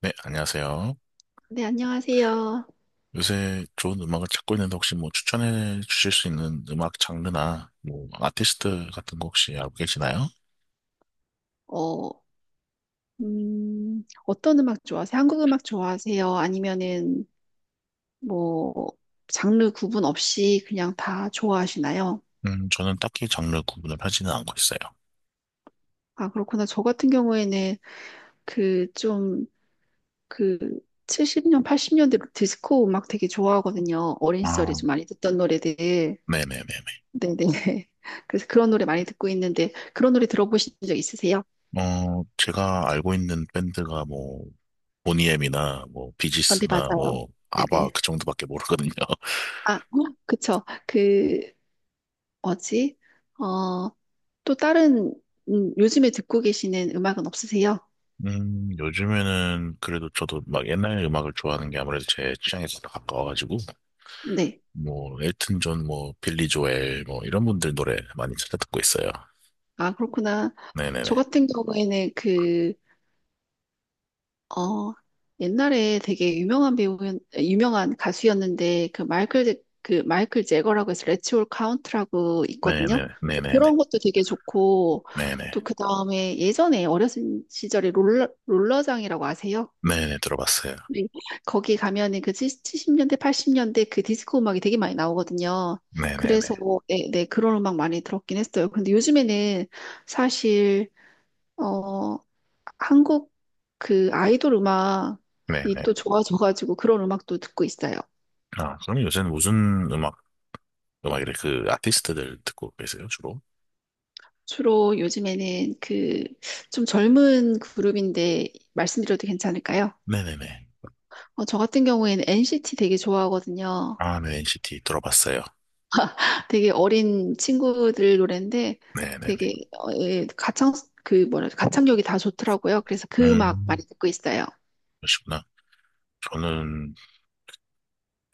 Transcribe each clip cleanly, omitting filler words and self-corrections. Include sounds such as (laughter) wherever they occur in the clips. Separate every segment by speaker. Speaker 1: 네, 안녕하세요.
Speaker 2: 네, 안녕하세요.
Speaker 1: 요새 좋은 음악을 찾고 있는데 혹시 뭐 추천해 주실 수 있는 음악 장르나 뭐 아티스트 같은 거 혹시 알고 계시나요?
Speaker 2: 어, 어떤 음악 좋아하세요? 한국 음악 좋아하세요? 아니면은 뭐 장르 구분 없이 그냥 다 좋아하시나요?
Speaker 1: 저는 딱히 장르 구분을 하지는 않고 있어요.
Speaker 2: 아, 그렇구나. 저 같은 경우에는 그 좀 그 70년, 80년대 디스코 음악 되게 좋아하거든요. 어린 시절에
Speaker 1: 아,
Speaker 2: 좀 많이 듣던 노래들.
Speaker 1: 네네네네.
Speaker 2: 네네. (laughs) 그래서 그런 노래 많이 듣고 있는데 그런 노래 들어보신 적 있으세요?
Speaker 1: 제가 알고 있는 밴드가 뭐 보니엠이나 뭐
Speaker 2: 아, 네,
Speaker 1: 비지스나
Speaker 2: 맞아요.
Speaker 1: 뭐 아바
Speaker 2: 네네.
Speaker 1: 그 정도밖에 모르거든요. (laughs)
Speaker 2: 아, 그쵸. 그 뭐지? 어, 또 다른 요즘에 듣고 계시는 음악은 없으세요?
Speaker 1: 요즘에는 그래도 저도 막 옛날 음악을 좋아하는 게 아무래도 제 취향에 더 가까워가지고
Speaker 2: 네.
Speaker 1: 뭐 엘튼 존, 뭐 빌리 조엘, 뭐 이런 분들 노래 많이 찾아 듣고 있어요.
Speaker 2: 아, 그렇구나. 저
Speaker 1: 네네네,
Speaker 2: 같은 경우에는 어, 옛날에 되게 유명한 배우, 유명한 가수였는데, 그 마이클, 그 마이클 제거라고 해서 레츠 올 카운트라고 있거든요.
Speaker 1: 네네네, 네네네,
Speaker 2: 그런 것도 되게 좋고, 또
Speaker 1: 네네,
Speaker 2: 그 다음에 예전에 어렸을 시절에 롤러장이라고 아세요?
Speaker 1: 네네 들어봤어요.
Speaker 2: 네. 거기 가면은 그 70년대, 80년대 그 디스코 음악이 되게 많이 나오거든요.
Speaker 1: 네네네,
Speaker 2: 그래서 네, 네, 그런 음악 많이 들었긴 했어요. 근데 요즘에는 사실 어 한국 그 아이돌 음악이
Speaker 1: 네네.
Speaker 2: 또 좋아져가지고 그런 음악도 듣고 있어요.
Speaker 1: 아, 그럼 요새는 무슨 음악, 음악이래 그 아티스트들 듣고 계세요 주로?
Speaker 2: 주로 요즘에는 그 좀 젊은 그룹인데 말씀드려도 괜찮을까요?
Speaker 1: 네네네.
Speaker 2: 저 같은 경우에는 NCT 되게 좋아하거든요.
Speaker 1: 아, 네, NCT 들어봤어요.
Speaker 2: 되게 어린 친구들 노래인데
Speaker 1: 네네네.
Speaker 2: 되게 예, 가창 그 뭐라 그러지? 가창력이 다 좋더라고요. 그래서 그 음악
Speaker 1: 음,
Speaker 2: 많이 듣고 있어요.
Speaker 1: 그러시구나. 저는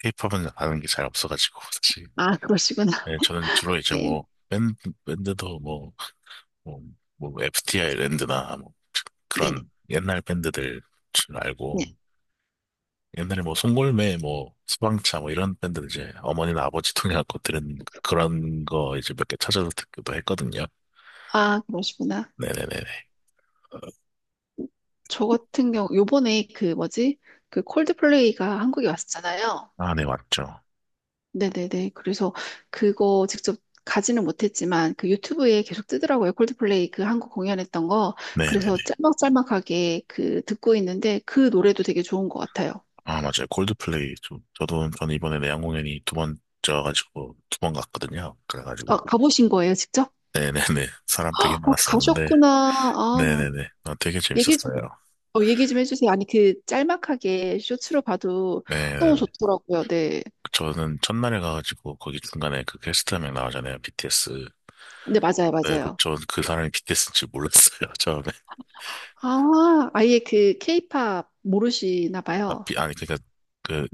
Speaker 1: 케이팝은 아는 게 잘 없어가지고 (laughs) 사실.
Speaker 2: 아, 그러시구나.
Speaker 1: 네, 저는
Speaker 2: (laughs)
Speaker 1: 주로 이제
Speaker 2: 네,
Speaker 1: 뭐 밴드, 밴드도 뭐, 뭐 FTI 랜드나 뭐
Speaker 2: 네,
Speaker 1: 그런 옛날 밴드들 줄
Speaker 2: 네.
Speaker 1: 알고 옛날에 뭐 송골매 뭐 수방차 뭐 이런 밴드들 이제 어머니나 아버지 통해갖고 들은 그런 거 이제 몇 개 찾아서 듣기도 했거든요.
Speaker 2: 아, 그러시구나.
Speaker 1: 네네네네.
Speaker 2: 저 같은 경우 요번에 그 뭐지? 그 콜드플레이가 한국에 왔었잖아요.
Speaker 1: 아, 네, 맞죠.
Speaker 2: 네네네. 그래서 그거 직접 가지는 못했지만 그 유튜브에 계속 뜨더라고요. 콜드플레이 그 한국 공연했던 거. 그래서
Speaker 1: 네네네.
Speaker 2: 짤막짤막하게 그 듣고 있는데 그 노래도 되게 좋은 것 같아요.
Speaker 1: 아, 맞아요. 콜드플레이. 좀, 저는 이번에 내한 공연이 두 번째여가지고, 두 번 갔거든요.
Speaker 2: 아,
Speaker 1: 그래가지고.
Speaker 2: 가보신 거예요, 직접?
Speaker 1: 네네네. 사람 되게
Speaker 2: 아,
Speaker 1: 많았었는데.
Speaker 2: 가셨구나. 아,
Speaker 1: 네네네. 아, 되게
Speaker 2: 얘기 좀,
Speaker 1: 재밌었어요.
Speaker 2: 얘기 좀 해주세요. 아니, 그 짤막하게 쇼츠로 봐도 너무
Speaker 1: 네네네.
Speaker 2: 좋더라고요. 네.
Speaker 1: 저는 첫날에 가가지고 거기 중간에 그 퀘스트 한 명 나오잖아요. BTS.
Speaker 2: 네, 맞아요,
Speaker 1: 네, 그,
Speaker 2: 맞아요.
Speaker 1: 전그 사람이 BTS인 지 몰랐어요. (laughs) 처음에.
Speaker 2: 아, 아예 그 케이팝 모르시나
Speaker 1: 아,
Speaker 2: 봐요.
Speaker 1: 아니, 그러니까 그,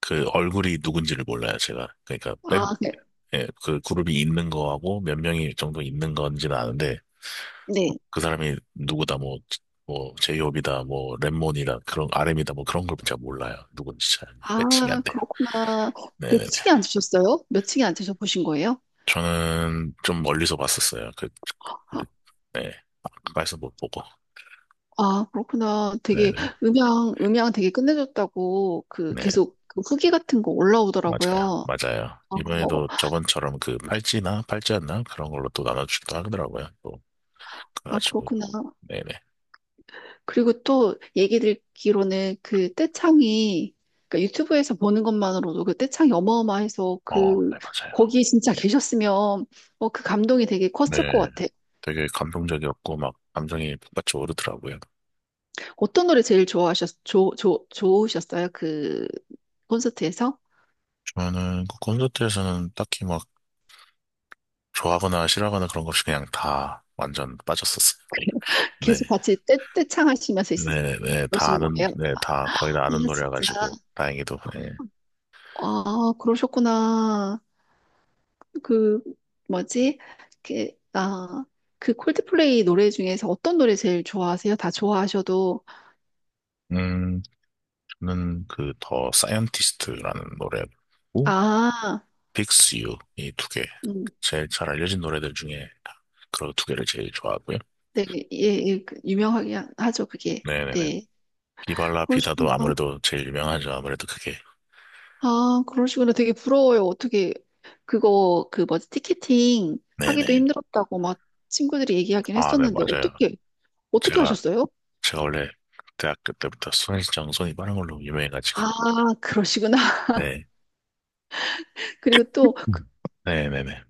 Speaker 1: 그 얼굴이 누군지를 몰라요. 제가. 그러니까
Speaker 2: 아, 네.
Speaker 1: 예, 그 그룹이 있는 거하고 몇 명이 정도 있는 건지는 아는데
Speaker 2: 네.
Speaker 1: 그 사람이 누구다 뭐 제이홉이다 뭐 랩몬이다 그런 RM이다 뭐 그런 걸 제가 몰라요. 누군지 잘 매칭이
Speaker 2: 아,
Speaker 1: 안 돼요.
Speaker 2: 그렇구나. 몇
Speaker 1: 네네네.
Speaker 2: 층에 앉으셨어요? 몇 층에 앉으셔 보신 거예요?
Speaker 1: 저는 좀 멀리서 봤었어요. 그-
Speaker 2: 아,
Speaker 1: 네. 가까이서 못 보고.
Speaker 2: 아, 그렇구나.
Speaker 1: 네,
Speaker 2: 되게 음향 되게 끝내줬다고 그
Speaker 1: 네,
Speaker 2: 계속 그 후기 같은 거
Speaker 1: 맞아요.
Speaker 2: 올라오더라고요.
Speaker 1: 맞아요.
Speaker 2: 아,
Speaker 1: 이번에도 저번처럼 그 팔찌나 팔찌였나? 그런 걸로 또 나눠주기도 하더라고요. 또,
Speaker 2: 아,
Speaker 1: 그래가지고.
Speaker 2: 그렇구나.
Speaker 1: 네네.
Speaker 2: 그리고 또 얘기 듣기로는 그 떼창이 그러니까 유튜브에서 보는 것만으로도 그 떼창이 어마어마해서
Speaker 1: 어,
Speaker 2: 그
Speaker 1: 네, 맞아요.
Speaker 2: 거기 진짜 (laughs) 계셨으면 그 감동이 되게 컸을 것
Speaker 1: 네,
Speaker 2: 같아.
Speaker 1: 되게 감동적이었고, 막, 감정이 북받쳐 오르더라고요.
Speaker 2: 어떤 노래 제일 좋아하셨 좋 좋 좋으셨어요? 그 콘서트에서
Speaker 1: 저는 그 콘서트에서는 딱히 막, 좋아하거나 싫어하거나 그런 거 없이 그냥 다 완전 빠졌었어요.
Speaker 2: (laughs)
Speaker 1: 네.
Speaker 2: 계속 같이 떼 떼창하시면서
Speaker 1: 네, 네, 다
Speaker 2: 그러신
Speaker 1: 아는,
Speaker 2: 거예요?
Speaker 1: 네, 다, 거의 다 아는
Speaker 2: 아 진짜
Speaker 1: 노래여가지고, 다행히도, 네.
Speaker 2: 아 그러셨구나. 그 뭐지? 그, 아, 그 콜드플레이 노래 중에서 어떤 노래 제일 좋아하세요? 다 좋아하셔도
Speaker 1: 음, 저는 그, 더 사이언티스트라는 노래, 고
Speaker 2: 아,
Speaker 1: Fix You 이 두 개.
Speaker 2: 음,
Speaker 1: 제일 잘 알려진 노래들 중에 그런 두 개를 제일 좋아하고요.
Speaker 2: 네, 예, 예, 그 유명하게 하죠 그게.
Speaker 1: 네네네.
Speaker 2: 네,
Speaker 1: 비발라 비다도
Speaker 2: 그러시구나.
Speaker 1: 아무래도 제일 유명하죠. 아무래도 그게.
Speaker 2: 아, 그러시구나. 되게 부러워요. 어떻게 그거 그 뭐지 티켓팅 하기도
Speaker 1: 네네.
Speaker 2: 힘들었다고 막 친구들이 얘기하긴
Speaker 1: 아, 네,
Speaker 2: 했었는데
Speaker 1: 맞아요.
Speaker 2: 어떻게
Speaker 1: 제가,
Speaker 2: 하셨어요?
Speaker 1: 제가 원래 대학교 때부터 손이 빠른 걸로 유명해가지고.
Speaker 2: 아, 그러시구나.
Speaker 1: 네.
Speaker 2: (laughs) 그리고 또
Speaker 1: 음. 네네네.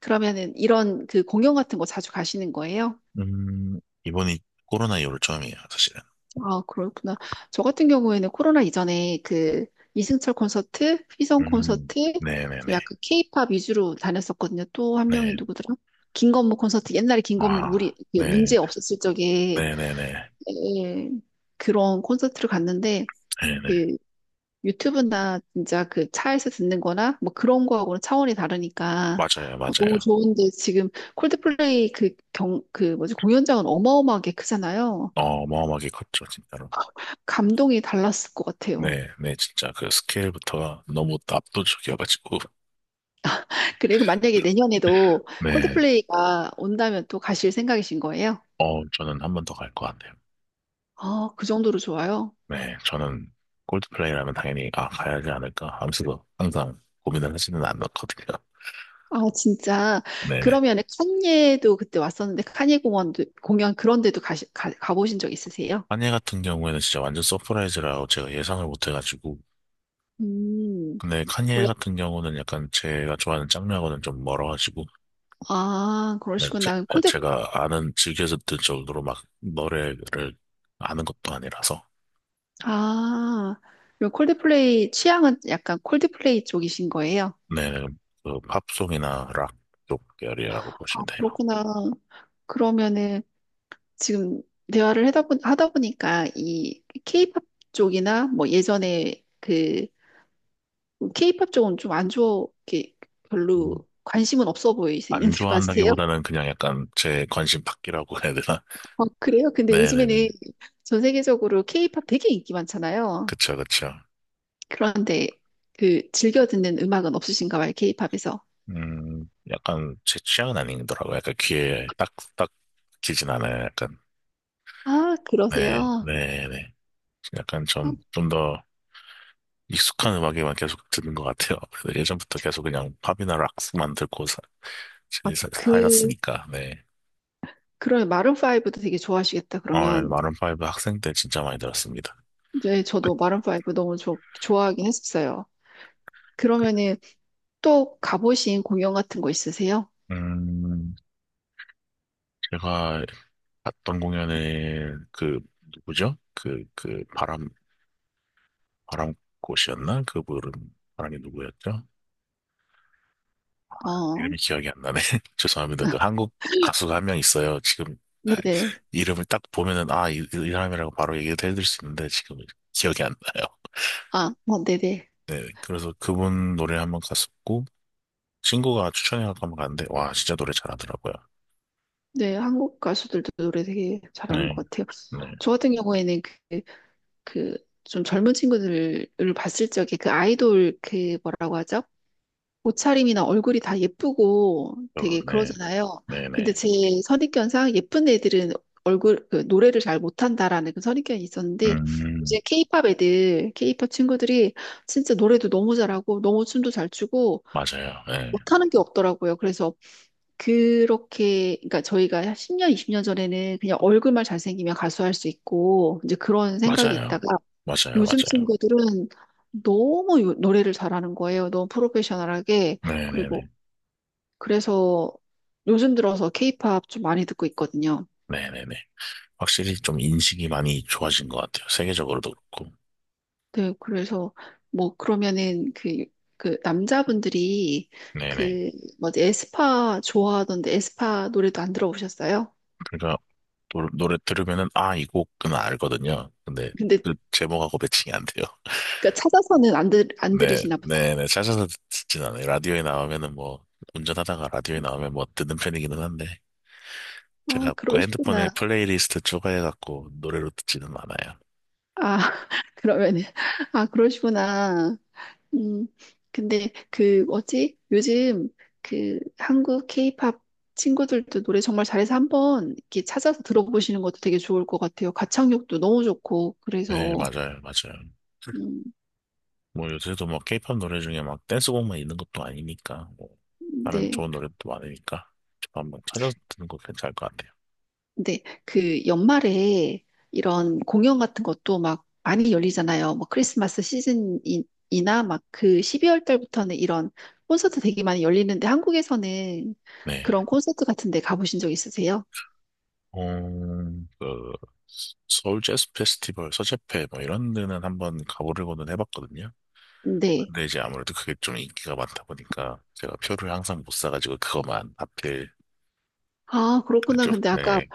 Speaker 2: 그러면은 이런 그 공연 같은 거 자주 가시는 거예요?
Speaker 1: 음, 이번이 코로나 이후로 처음이에요, 사실은.
Speaker 2: 아, 그렇구나. 저 같은 경우에는 코로나 이전에 그 이승철 콘서트, 휘성 콘서트, 좀
Speaker 1: 네네네.
Speaker 2: 약간 케이팝 위주로 다녔었거든요. 또 한 명이
Speaker 1: 네.
Speaker 2: 누구더라? 김건모 콘서트, 옛날에 김건모
Speaker 1: 아,
Speaker 2: 우리 그
Speaker 1: 네.
Speaker 2: 문제 없었을 적에
Speaker 1: 네네네.
Speaker 2: 예, 그런 콘서트를 갔는데
Speaker 1: 네네.
Speaker 2: 그 유튜브나 진짜 그 차에서 듣는 거나 뭐 그런 거하고는 차원이 다르니까
Speaker 1: 맞아요,
Speaker 2: 너무
Speaker 1: 맞아요.
Speaker 2: 좋은데 지금 콜드플레이 그 뭐지 공연장은 어마어마하게 크잖아요.
Speaker 1: 어마어마하게 컸죠, 진짜로.
Speaker 2: 감동이 달랐을 것 같아요.
Speaker 1: 네, 네, 진짜 그 스케일부터가 너무 압도적이어가지고,
Speaker 2: 그리고 만약에 내년에도
Speaker 1: 네,
Speaker 2: 콜드플레이가 온다면 또 가실 생각이신 거예요?
Speaker 1: 저는 한 번 더 갈 것 같아요.
Speaker 2: 아, 그 정도로 좋아요?
Speaker 1: 네, 저는 콜드플레이라면 당연히, 아, 가야 하지 않을까 하면서도 항상 고민을 하지는 않았거든요.
Speaker 2: 아, 진짜.
Speaker 1: 네네.
Speaker 2: 그러면 칸예도 그때 왔었는데 칸예 공원도 공연 그런 데도 가보신 적 있으세요?
Speaker 1: 카니에 같은 경우에는 진짜 완전 서프라이즈라고 제가 예상을 못 해가지고,
Speaker 2: 음,
Speaker 1: 근데 카니에
Speaker 2: 원래
Speaker 1: 같은 경우는 약간 제가 좋아하는 장르하고는 좀 멀어가지고,
Speaker 2: 아,
Speaker 1: 네,
Speaker 2: 그러시구나.
Speaker 1: 네,
Speaker 2: 콜드
Speaker 1: 제가 아는, 즐겨서 듣 정도로 막 노래를 아는 것도 아니라서,
Speaker 2: 아, 그럼 콜드플레이 취향은 약간 콜드플레이 쪽이신 거예요?
Speaker 1: 네, 그 팝송이나 락 쪽 계열이라고
Speaker 2: 아,
Speaker 1: 보시면 돼요.
Speaker 2: 그렇구나. 그러면은 지금 대화를 하다 보니까 이 케이팝 쪽이나 뭐 예전에 그 케이팝 쪽은 좀 안 좋게 별로
Speaker 1: 음.
Speaker 2: 관심은 없어
Speaker 1: 안
Speaker 2: 보이시는데 (laughs) 맞으세요?
Speaker 1: 좋아한다기보다는 그냥 약간 제 관심 밖이라고 해야 되나?
Speaker 2: 어, 그래요?
Speaker 1: (laughs)
Speaker 2: 근데
Speaker 1: 네네네.
Speaker 2: 요즘에는 전 세계적으로 케이팝 되게 인기 많잖아요.
Speaker 1: 그쵸, 그쵸.
Speaker 2: 그런데 그 즐겨 듣는 음악은 없으신가 봐요, 케이팝에서.
Speaker 1: 약간 제 취향은 아니더라고요. 약간 귀에 딱, 딱 끼진 않아요. 약간.
Speaker 2: 아,
Speaker 1: 네,
Speaker 2: 그러세요?
Speaker 1: 네네. 약간 좀더 익숙한 음악에만 계속 듣는 것 같아요. 그래서 예전부터 계속 그냥 팝이나 락스만 듣고
Speaker 2: 아, 그,
Speaker 1: 살았으니까, 네.
Speaker 2: 그런 마룬 브도 되게 좋아하시겠다, 그러면.
Speaker 1: 마룬파이브 학생 때 진짜 많이 들었습니다.
Speaker 2: 네, 저도 마룬 파이브 너무 좋 좋아하긴 했었어요. 그러면은 또 가보신 공연 같은 거 있으세요?
Speaker 1: 음, 제가 봤던 공연에 그, 누구죠? 바람꽃이었나? 그분은, 바람이 누구였죠?
Speaker 2: 어,
Speaker 1: 이름이 기억이 안 나네. (laughs) 죄송합니다. 그
Speaker 2: (laughs)
Speaker 1: 한국 가수가 한 명 있어요. 지금 아,
Speaker 2: 네네.
Speaker 1: 이름을 딱 보면은, 아, 이 사람이라고 바로 얘기를 해드릴 수 있는데, 지금 기억이 안 나요.
Speaker 2: 아, 어, 네네.
Speaker 1: 네, 그래서 그분 노래 한번 갔었고, 친구가 추천해갖고 한번 갔는데, 와, 진짜 노래 잘하더라고요.
Speaker 2: 네, 한국 가수들도 노래 되게 잘하는
Speaker 1: 네,
Speaker 2: 것 같아요.
Speaker 1: 네,
Speaker 2: 저 같은 경우에는 그, 그 좀 젊은 친구들을 봤을 적에 그 아이돌 그 뭐라고 하죠? 옷차림이나 얼굴이 다 예쁘고
Speaker 1: 어,
Speaker 2: 되게
Speaker 1: 네,
Speaker 2: 그러잖아요.
Speaker 1: 네,
Speaker 2: 근데
Speaker 1: 네.
Speaker 2: 제 선입견상 예쁜 애들은 그 노래를 잘 못한다라는 그 선입견이 있었는데
Speaker 1: 음,
Speaker 2: 이제 케이팝 애들, 케이팝 친구들이 진짜 노래도 너무 잘하고 너무 춤도 잘 추고
Speaker 1: 맞아요. 네,
Speaker 2: 못하는 게 없더라고요. 그래서 그렇게, 그러니까 저희가 10년, 20년 전에는 그냥 얼굴만 잘생기면 가수할 수 있고, 이제 그런 생각이
Speaker 1: 맞아요.
Speaker 2: 있다가
Speaker 1: 맞아요,
Speaker 2: 요즘
Speaker 1: 맞아요.
Speaker 2: 친구들은 너무 노래를 잘하는 거예요. 너무 프로페셔널하게.
Speaker 1: 네, 네, 네.
Speaker 2: 그리고 그래서 요즘 들어서 케이팝 좀 많이 듣고 있거든요.
Speaker 1: 네, 네, 네. 확실히 좀 인식이 많이 좋아진 것 같아요. 세계적으로도 그렇고.
Speaker 2: 네, 그래서 뭐 그러면은 그, 그 남자분들이
Speaker 1: 네, 네.
Speaker 2: 그 뭐지 에스파 좋아하던데 에스파 노래도 안 들어보셨어요?
Speaker 1: 그러니까 노래 들으면은, 아, 이 곡은 알거든요. 근데
Speaker 2: 근데
Speaker 1: 그 제목하고 매칭이 안 돼요.
Speaker 2: 그러니까 찾아서는 안
Speaker 1: 네,
Speaker 2: 들으시나 보다.
Speaker 1: 네, 네. 찾아서 듣진 않아요. 라디오에 나오면은 뭐, 운전하다가 라디오에 나오면 뭐 듣는 편이기는 한데,
Speaker 2: 아,
Speaker 1: 제가 그 핸드폰에
Speaker 2: 그러시구나.
Speaker 1: 플레이리스트 추가해갖고 노래로 듣지는 않아요.
Speaker 2: 아, (laughs) 그러면은, 아, 그러시구나. 음, 근데 그, 뭐지? 요즘 그 한국 케이팝 친구들도 노래 정말 잘해서 한번 이렇게 찾아서 들어보시는 것도 되게 좋을 것 같아요. 가창력도 너무 좋고,
Speaker 1: 네,
Speaker 2: 그래서,
Speaker 1: 맞아요, 맞아요.
Speaker 2: 음,
Speaker 1: 뭐 요새도 뭐 케이팝 노래 중에 막 댄스곡만 있는 것도 아니니까 뭐 다른
Speaker 2: 네.
Speaker 1: 좋은 노래도 많으니까 한번 찾아서 듣는 거 괜찮을 것 같아요.
Speaker 2: 근데 그 연말에 이런 공연 같은 것도 막 많이 열리잖아요. 뭐 크리스마스 시즌이나 막 그 12월 달부터는 이런 콘서트 되게 많이 열리는데 한국에서는
Speaker 1: 네.
Speaker 2: 그런 콘서트 같은 데 가보신 적 있으세요?
Speaker 1: 그 서울 재즈 페스티벌 서재페 뭐 이런 데는 한번 가보려고는 해봤거든요.
Speaker 2: 네.
Speaker 1: 근데 이제 아무래도 그게 좀 인기가 많다 보니까 제가 표를 항상 못 사가지고 그거만 하필
Speaker 2: 아, 그렇구나.
Speaker 1: 그죠.
Speaker 2: 근데 아까
Speaker 1: 네.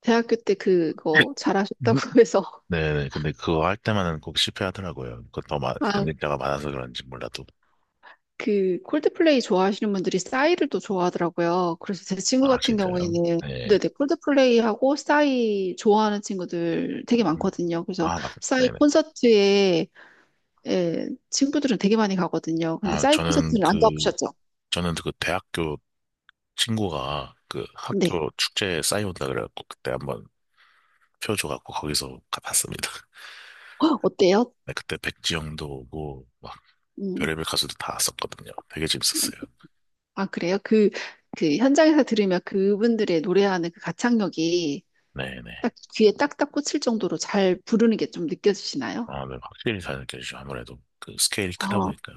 Speaker 2: 대학교 때 그거 잘하셨다고
Speaker 1: 음.
Speaker 2: (laughs) 해서
Speaker 1: 네네. 근데 그거 할 때만은 꼭 실패하더라고요. 그더
Speaker 2: 아,
Speaker 1: 경쟁자가 많아서 그런지 몰라도.
Speaker 2: 그 콜드플레이 좋아하시는 분들이 싸이를 또 좋아하더라고요. 그래서 제 친구
Speaker 1: 아,
Speaker 2: 같은
Speaker 1: 진짜요?
Speaker 2: 경우에는
Speaker 1: 네.
Speaker 2: 네네 콜드플레이하고 싸이 좋아하는 친구들 되게
Speaker 1: 음.
Speaker 2: 많거든요. 그래서
Speaker 1: 아,
Speaker 2: 싸이
Speaker 1: 네네.
Speaker 2: 콘서트에 예, 친구들은 되게 많이 가거든요. 근데
Speaker 1: 아,
Speaker 2: 싸이
Speaker 1: 저는
Speaker 2: 콘서트는 안
Speaker 1: 그,
Speaker 2: 가보셨죠?
Speaker 1: 저는 그 대학교 친구가 그
Speaker 2: 네.
Speaker 1: 학교 축제에 싸이온다 그래갖고 그때 한번 표 줘갖고 거기서 가봤습니다. (laughs)
Speaker 2: (gasps) 어때요?
Speaker 1: 네, 그때 백지영도 오고 막
Speaker 2: 음.
Speaker 1: 별의별 가수도 다 왔었거든요. 되게 재밌었어요.
Speaker 2: 아, 그래요? 그, 그 현장에서 들으면 그분들의 노래하는 그 가창력이 딱
Speaker 1: 네네.
Speaker 2: 귀에 딱딱 꽂힐 정도로 잘 부르는 게 좀 느껴지시나요?
Speaker 1: 아, 네, 확실히 잘 느껴지죠. 아무래도 그 스케일이 크다
Speaker 2: 아,
Speaker 1: 보니까.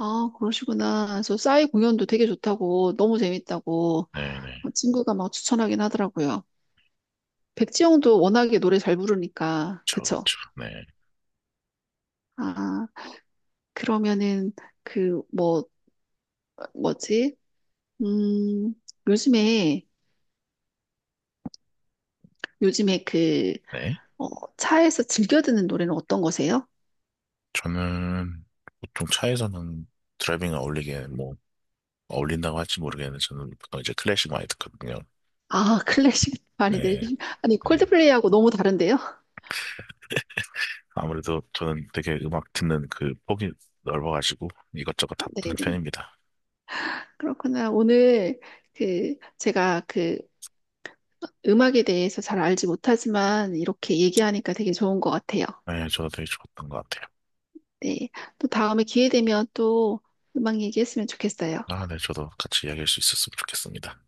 Speaker 2: 아, 그러시구나. 저 싸이 공연도 되게 좋다고, 너무 재밌다고
Speaker 1: 네네.
Speaker 2: 친구가 막 추천하긴 하더라고요. 백지영도 워낙에 노래 잘 부르니까, 그쵸?
Speaker 1: 그쵸. 네.
Speaker 2: 아, 그러면은 그 뭐지? 음, 요즘에, 요즘에
Speaker 1: 네.
Speaker 2: 어, 차에서 즐겨 듣는 노래는 어떤 거세요?
Speaker 1: 저는 보통 차에서는 드라이빙 어울리게 뭐 어울린다고 할지 모르겠는데 저는 보통 이제 클래식 많이 듣거든요.
Speaker 2: 아, (laughs) 클래식 많이
Speaker 1: 네.
Speaker 2: 들으시, 아니,
Speaker 1: 네.
Speaker 2: 콜드플레이하고 너무 다른데요?
Speaker 1: 아무래도 저는 되게 음악 듣는 그 폭이 넓어가지고 이것저것 다
Speaker 2: (laughs)
Speaker 1: 듣는
Speaker 2: 네,
Speaker 1: 편입니다.
Speaker 2: 그렇구나. 오늘 그, 제가 그 음악에 대해서 잘 알지 못하지만 이렇게 얘기하니까 되게 좋은 것 같아요.
Speaker 1: 네, 저도 되게 좋았던 것 같아요.
Speaker 2: 네. 또 다음에 기회 되면 또 음악 얘기했으면 좋겠어요.
Speaker 1: 아, 네, 저도 같이 이야기할 수 있었으면 좋겠습니다.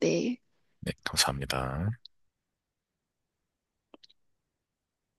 Speaker 2: 네.
Speaker 1: 네, 감사합니다.